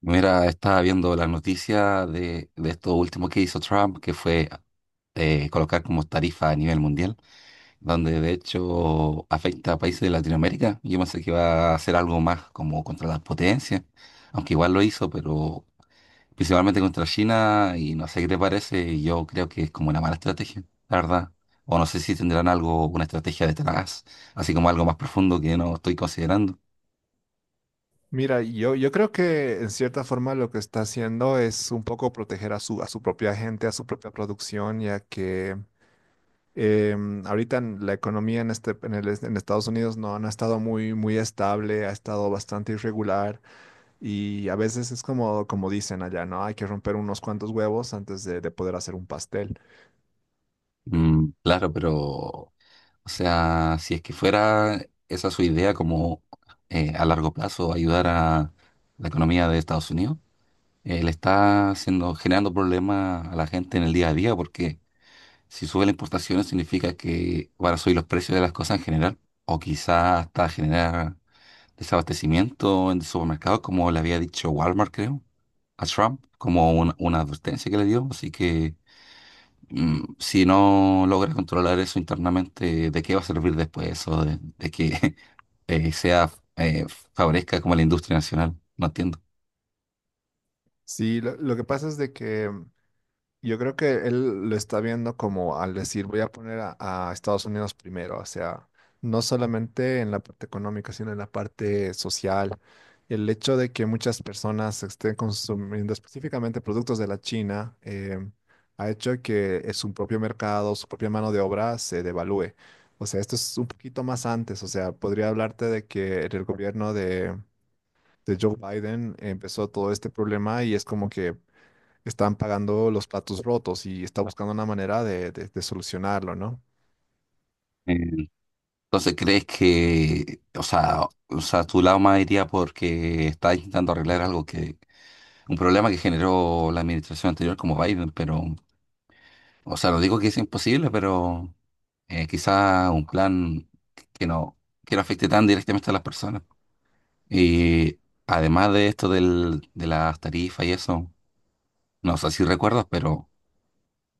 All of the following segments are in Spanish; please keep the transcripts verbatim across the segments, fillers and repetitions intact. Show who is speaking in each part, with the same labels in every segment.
Speaker 1: Mira, estaba viendo las noticias de, de esto último que hizo Trump, que fue eh, colocar como tarifa a nivel mundial, donde de hecho afecta a países de Latinoamérica. Yo pensé que iba a hacer algo más como contra las potencias, aunque igual lo hizo, pero principalmente contra China, y no sé qué te parece, y yo creo que es como una mala estrategia, la verdad. O no sé si tendrán algo, una estrategia detrás, así como algo más profundo que no estoy considerando.
Speaker 2: Mira, yo, yo creo que en cierta forma lo que está haciendo es un poco proteger a su, a su propia gente, a su propia producción, ya que em, ahorita en la economía en, este, en, el est- en Estados Unidos no, no ha estado muy, muy estable, ha estado bastante irregular, y a veces es como, como dicen allá, ¿no? Hay que romper unos cuantos huevos antes de, de poder hacer un pastel.
Speaker 1: Mm, claro, pero o sea, si es que fuera esa su idea como eh, a largo plazo ayudar a la economía de Estados Unidos, eh, le está haciendo, generando problemas a la gente en el día a día porque si sube las importaciones significa que van a subir los precios de las cosas en general o quizás hasta generar desabastecimiento en supermercados como le había dicho Walmart, creo, a Trump, como un- una advertencia que le dio. Así que mm, si no logras controlar eso internamente, ¿de qué va a servir después eso? De, de que eh, sea, eh, favorezca como la industria nacional. No entiendo.
Speaker 2: Sí, lo, lo que pasa es de que yo creo que él lo está viendo como al decir, voy a poner a, a Estados Unidos primero, o sea, no solamente en la parte económica, sino en la parte social. El hecho de que muchas personas estén consumiendo específicamente productos de la China eh, ha hecho que eh, su propio mercado, su propia mano de obra se devalúe. O sea, esto es un poquito más antes, o sea, podría hablarte de que el gobierno de, de Joe Biden empezó todo este problema y es como que están pagando los platos rotos y está buscando una manera de, de- de solucionarlo, ¿no?
Speaker 1: Eh, Entonces, ¿crees que, o sea, o sea, tu lado más iría porque está intentando arreglar algo que, un problema que generó la administración anterior como Biden? Pero, o sea, no digo que es imposible, pero eh, quizá un plan que no, que no afecte tan directamente a las personas. Y además de esto del, de las tarifas y eso, no sé si recuerdas, pero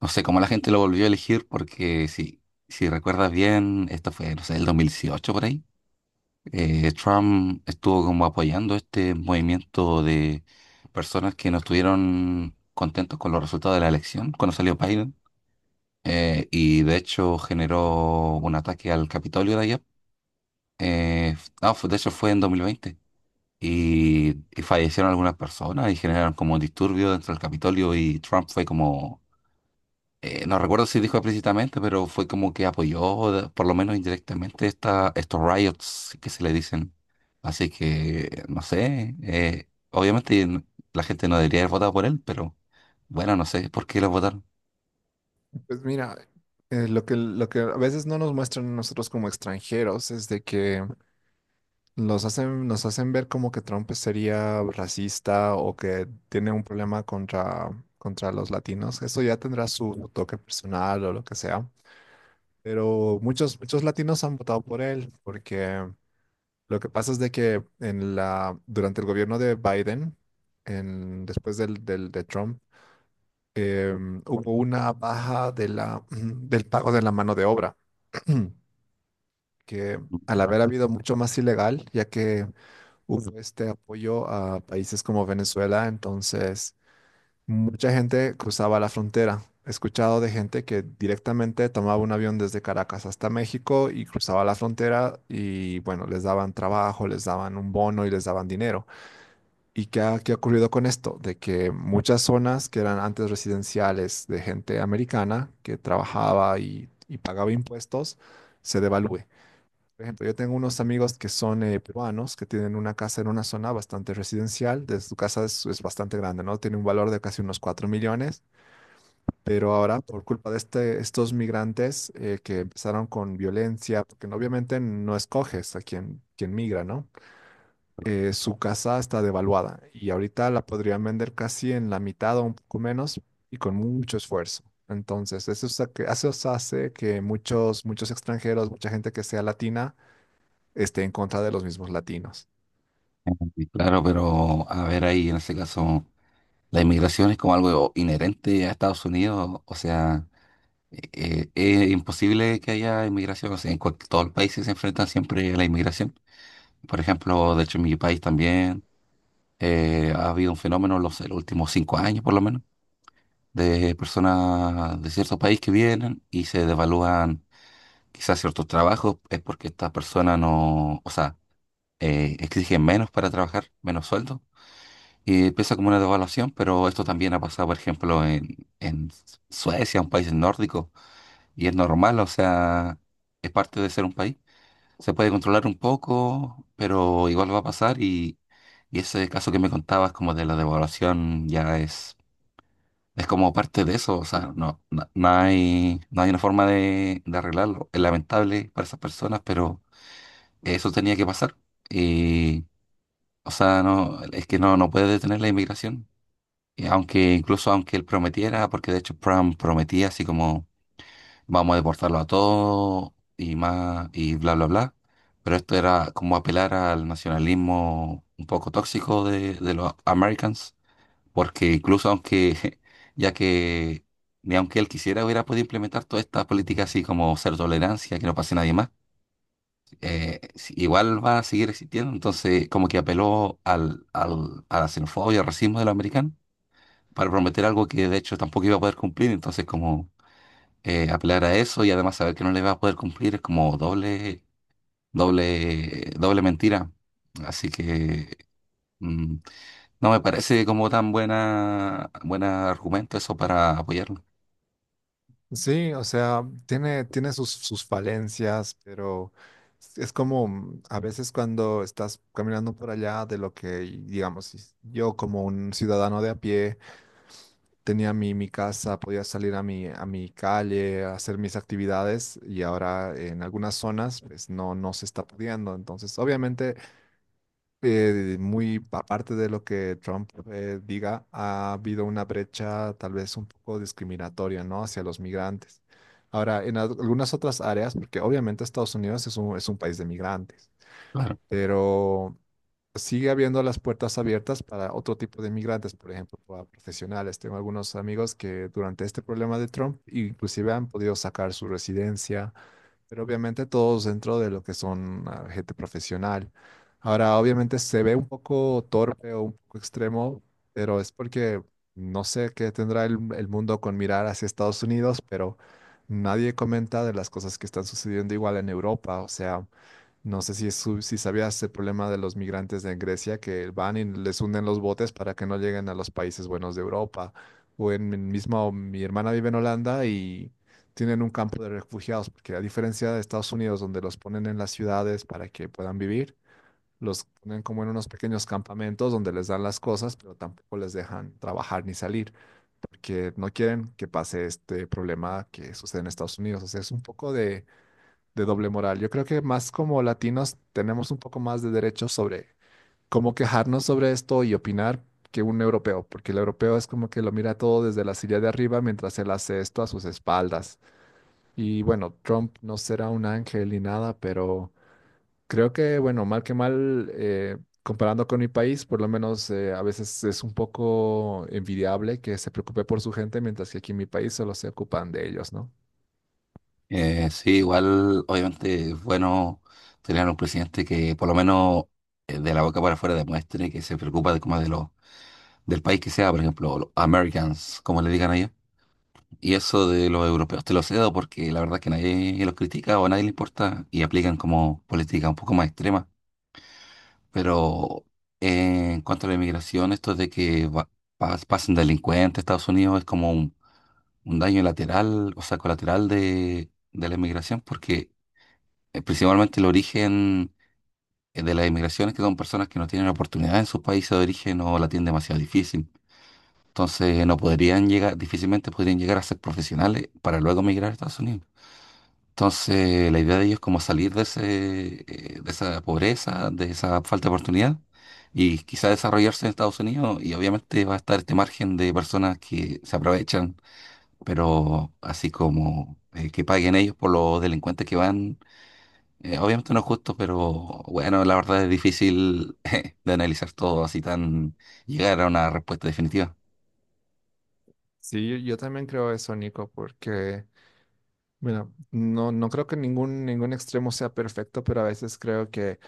Speaker 1: no sé cómo la gente lo volvió a elegir porque si, si recuerdas bien, esto fue, no sé, el dos mil dieciocho por ahí. eh, Trump estuvo como apoyando este movimiento de personas que no estuvieron contentos con los resultados de la elección cuando salió Biden. Eh, y de hecho generó un ataque al Capitolio de allá. Eh, no, fue- de hecho fue en dos mil veinte y, y fallecieron algunas personas y generaron como disturbios dentro del Capitolio, y Trump fue como, eh, no recuerdo si dijo explícitamente, pero fue como que apoyó, de- por lo menos indirectamente, esta, estos riots que se le dicen. Así que, no sé, eh, obviamente n- la gente no debería haber votado por él, pero bueno, no sé por qué lo votaron.
Speaker 2: Pues mira, eh, lo que, lo que a veces no nos muestran a nosotros como extranjeros es de que los hacen, nos hacen ver como que Trump sería racista o que tiene un problema contra, contra los latinos. Eso ya tendrá su toque personal o lo que sea. Pero muchos, muchos latinos han votado por él porque lo que pasa es de que en la, durante el gobierno de Biden, en, después del, del, de, Trump, em, hubo una baja de la, mm, del pago de la mano de obra, que al haber habido mucho más ilegal, ya que hubo este apoyo a países como Venezuela, entonces mucha gente cruzaba la frontera. He escuchado de gente que directamente tomaba un avión desde Caracas hasta México y cruzaba la frontera y bueno, les daban trabajo, les daban un bono y les daban dinero. ¿Y qué ha, qué ha ocurrido con esto? De que muchas zonas que eran antes residenciales de gente americana que trabajaba y, y pagaba impuestos, se devalúe. Por ejemplo, yo tengo unos amigos que son eh, peruanos, que tienen una casa en una zona bastante residencial, de su casa es, es bastante grande, ¿no? Tiene un valor de casi unos cuatro millones, pero ahora por culpa de este, estos migrantes eh, que empezaron con violencia, porque no- obviamente no escoges a quien, quien migra, ¿no? eh, su casa está devaluada y ahorita la podrían vender casi en la mitad o un poco menos y con mucho esfuerzo. Entonces, eso, es a que- eso os hace que muchos, muchos extranjeros, mucha gente que sea latina, esté en contra de los mismos latinos.
Speaker 1: Sí, claro, pero a ver ahí en ese caso, la inmigración es como algo inherente a Estados Unidos, o sea... eh, eh, es imposible que haya inmigración. O sea, en cual- todos los países se enfrentan siempre a la inmigración. Por ejemplo, de hecho en mi país también eh, ha habido un fenómeno en los, en los últimos cinco años por lo menos de personas de cierto país que vienen y se devalúan quizás ciertos trabajos. Es porque estas personas no, o sea, eh, exigen menos para trabajar, menos sueldo. Y empieza como una devaluación, pero esto también ha pasado, por ejemplo, en, en Suecia, un país nórdico. Y es normal, o sea, es parte de ser un país. Se puede controlar un poco, pero igual va a pasar, y, y ese caso que me contabas como de la devaluación ya es, es como parte de eso. O sea, no, no, no hay, no hay una forma de, de arreglarlo. Es lamentable para esas personas, pero eso tenía que pasar. Y o sea, no, es que no, no puede detener la inmigración. Y aunque incluso aunque él prometiera, porque de hecho Trump prometía así como vamos a deportarlo a todos y más y bla, bla, bla. Pero esto era como apelar al nacionalismo un poco tóxico de, de los Americans, porque incluso aunque, ya que ni aunque él quisiera, hubiera podido implementar toda esta política así como ser tolerancia, que no pase nadie más, eh, si- igual va a seguir existiendo. Entonces, como que apeló al, al, a la xenofobia, al racismo de los americanos para prometer algo que de hecho tampoco iba a poder cumplir. Entonces, como eh, apelar a eso y además saber que no le va a poder cumplir es como doble, doble, doble mentira. Así que mm, no me parece como tan buena, buen argumento eso para apoyarlo.
Speaker 2: Sí, o sea, tiene, tiene sus, sus falencias, pero es como mm, a veces cuando estás caminando por allá de lo que, digamos, si- yo como un ciudadano de a pie, tenía mi, mi casa, podía salir a mi, a mi calle, a hacer mis actividades y ahora en algunas zonas pues no, no se está pudiendo. Entonces, obviamente, eh, muy aparte de lo que Trump eh, diga, ha habido una brecha tal vez un poco discriminatoria, ¿no?, hacia los migrantes. Ahora, en al- algunas otras áreas, porque obviamente Estados Unidos es un, es un país de migrantes,
Speaker 1: Claro.
Speaker 2: pero sigue habiendo las puertas abiertas para otro tipo de migrantes, por ejemplo, para profesionales. Tengo algunos amigos que durante este problema de Trump inclusive han podido sacar su residencia, pero obviamente todos dentro de lo que son ah, gente profesional. Ahora, obviamente se ve un poco torpe o un poco extremo, pero es porque no sé qué tendrá el, el mundo con mirar hacia Estados Unidos, pero nadie comenta de las cosas que están sucediendo igual en Europa. O sea, no sé si, es su- si sabías el problema de los migrantes en Grecia, que van y les hunden los botes para que no lleguen a los países buenos de Europa. O en mi mismo, mi hermana vive en Holanda y tienen un campo de refugiados, porque a diferencia de Estados Unidos, donde los ponen en las ciudades para que puedan vivir, los ponen como en unos pequeños campamentos donde les dan las cosas, pero tampoco les dejan trabajar ni salir, porque no quieren que pase este problema que sucede en Estados Unidos. O sea, es un poco de de doble moral. Yo creo que más como latinos tenemos un poco más de derechos sobre cómo quejarnos sobre esto y opinar que un europeo, porque el europeo es como que lo mira todo desde la silla de arriba mientras él hace esto a sus espaldas. Y bueno, Trump no será un ángel ni nada, pero creo que, bueno, mal que mal, eh, comparando con mi país, por lo menos, eh, a veces es un poco envidiable que se preocupe por su gente, mientras que aquí en mi país solo se ocupan de ellos, ¿no?
Speaker 1: Eh, sí, igual, obviamente es bueno tener un presidente que por lo menos eh, de la boca para afuera demuestre que se preocupa de como de los del país que sea, por ejemplo, los Americans, como le digan allá. Y eso de los europeos te lo cedo porque la verdad que nadie los critica o a nadie le importa y aplican como política un poco más extrema. Pero eh, en cuanto a la inmigración, esto de que va- pas- pasen delincuentes a Estados Unidos es como un, un daño lateral, o sea, colateral de, de la inmigración porque eh, principalmente el origen eh, de la inmigración es que son personas que no tienen oportunidad en sus países de origen o la tienen demasiado difícil. Entonces no podrían llegar, difícilmente podrían llegar a ser profesionales para luego migrar a Estados Unidos. Entonces, la idea de ellos es como salir de ese, eh, de esa pobreza, de esa falta de oportunidad y quizá desarrollarse en Estados Unidos. Y obviamente va a estar este margen de personas que se aprovechan, pero así como eh, que paguen ellos por los delincuentes que van, eh, obviamente no es justo, pero bueno, la verdad es difícil de analizar todo así tan llegar a una respuesta definitiva.
Speaker 2: Sí, yo yo también creo eso, Nico, porque... Bueno, no, no creo que ningún, ningún extremo sea perfecto, pero a veces creo que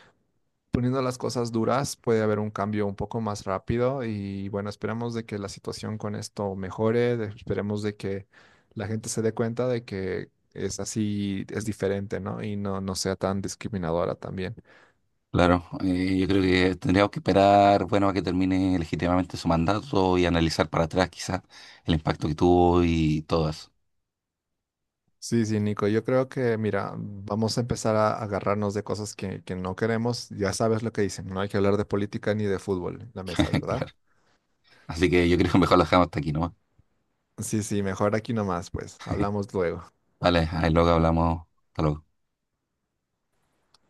Speaker 2: poniendo las cosas duras puede haber un cambio un poco más rápido y bueno, esperemos de que la situación con esto mejore, de- esperemos de que la gente se dé cuenta de que es así, es diferente, ¿no? Y no, no sea tan discriminadora también.
Speaker 1: Claro, eh, yo creo que tendríamos que esperar, bueno, a que termine legítimamente su mandato y analizar para atrás quizás el impacto que tuvo y todo eso.
Speaker 2: Sí, sí, Nico, yo creo que, mira, vamos a empezar a agarrarnos de cosas que, que no queremos. Ya sabes lo que dicen, no hay que hablar de política ni de fútbol en la mesa, ¿verdad?
Speaker 1: Claro. Así que yo creo que mejor lo dejamos hasta aquí, ¿no?
Speaker 2: Sí, sí, mejor aquí nomás, pues. Hablamos luego.
Speaker 1: Vale, ahí luego hablamos. Hasta luego.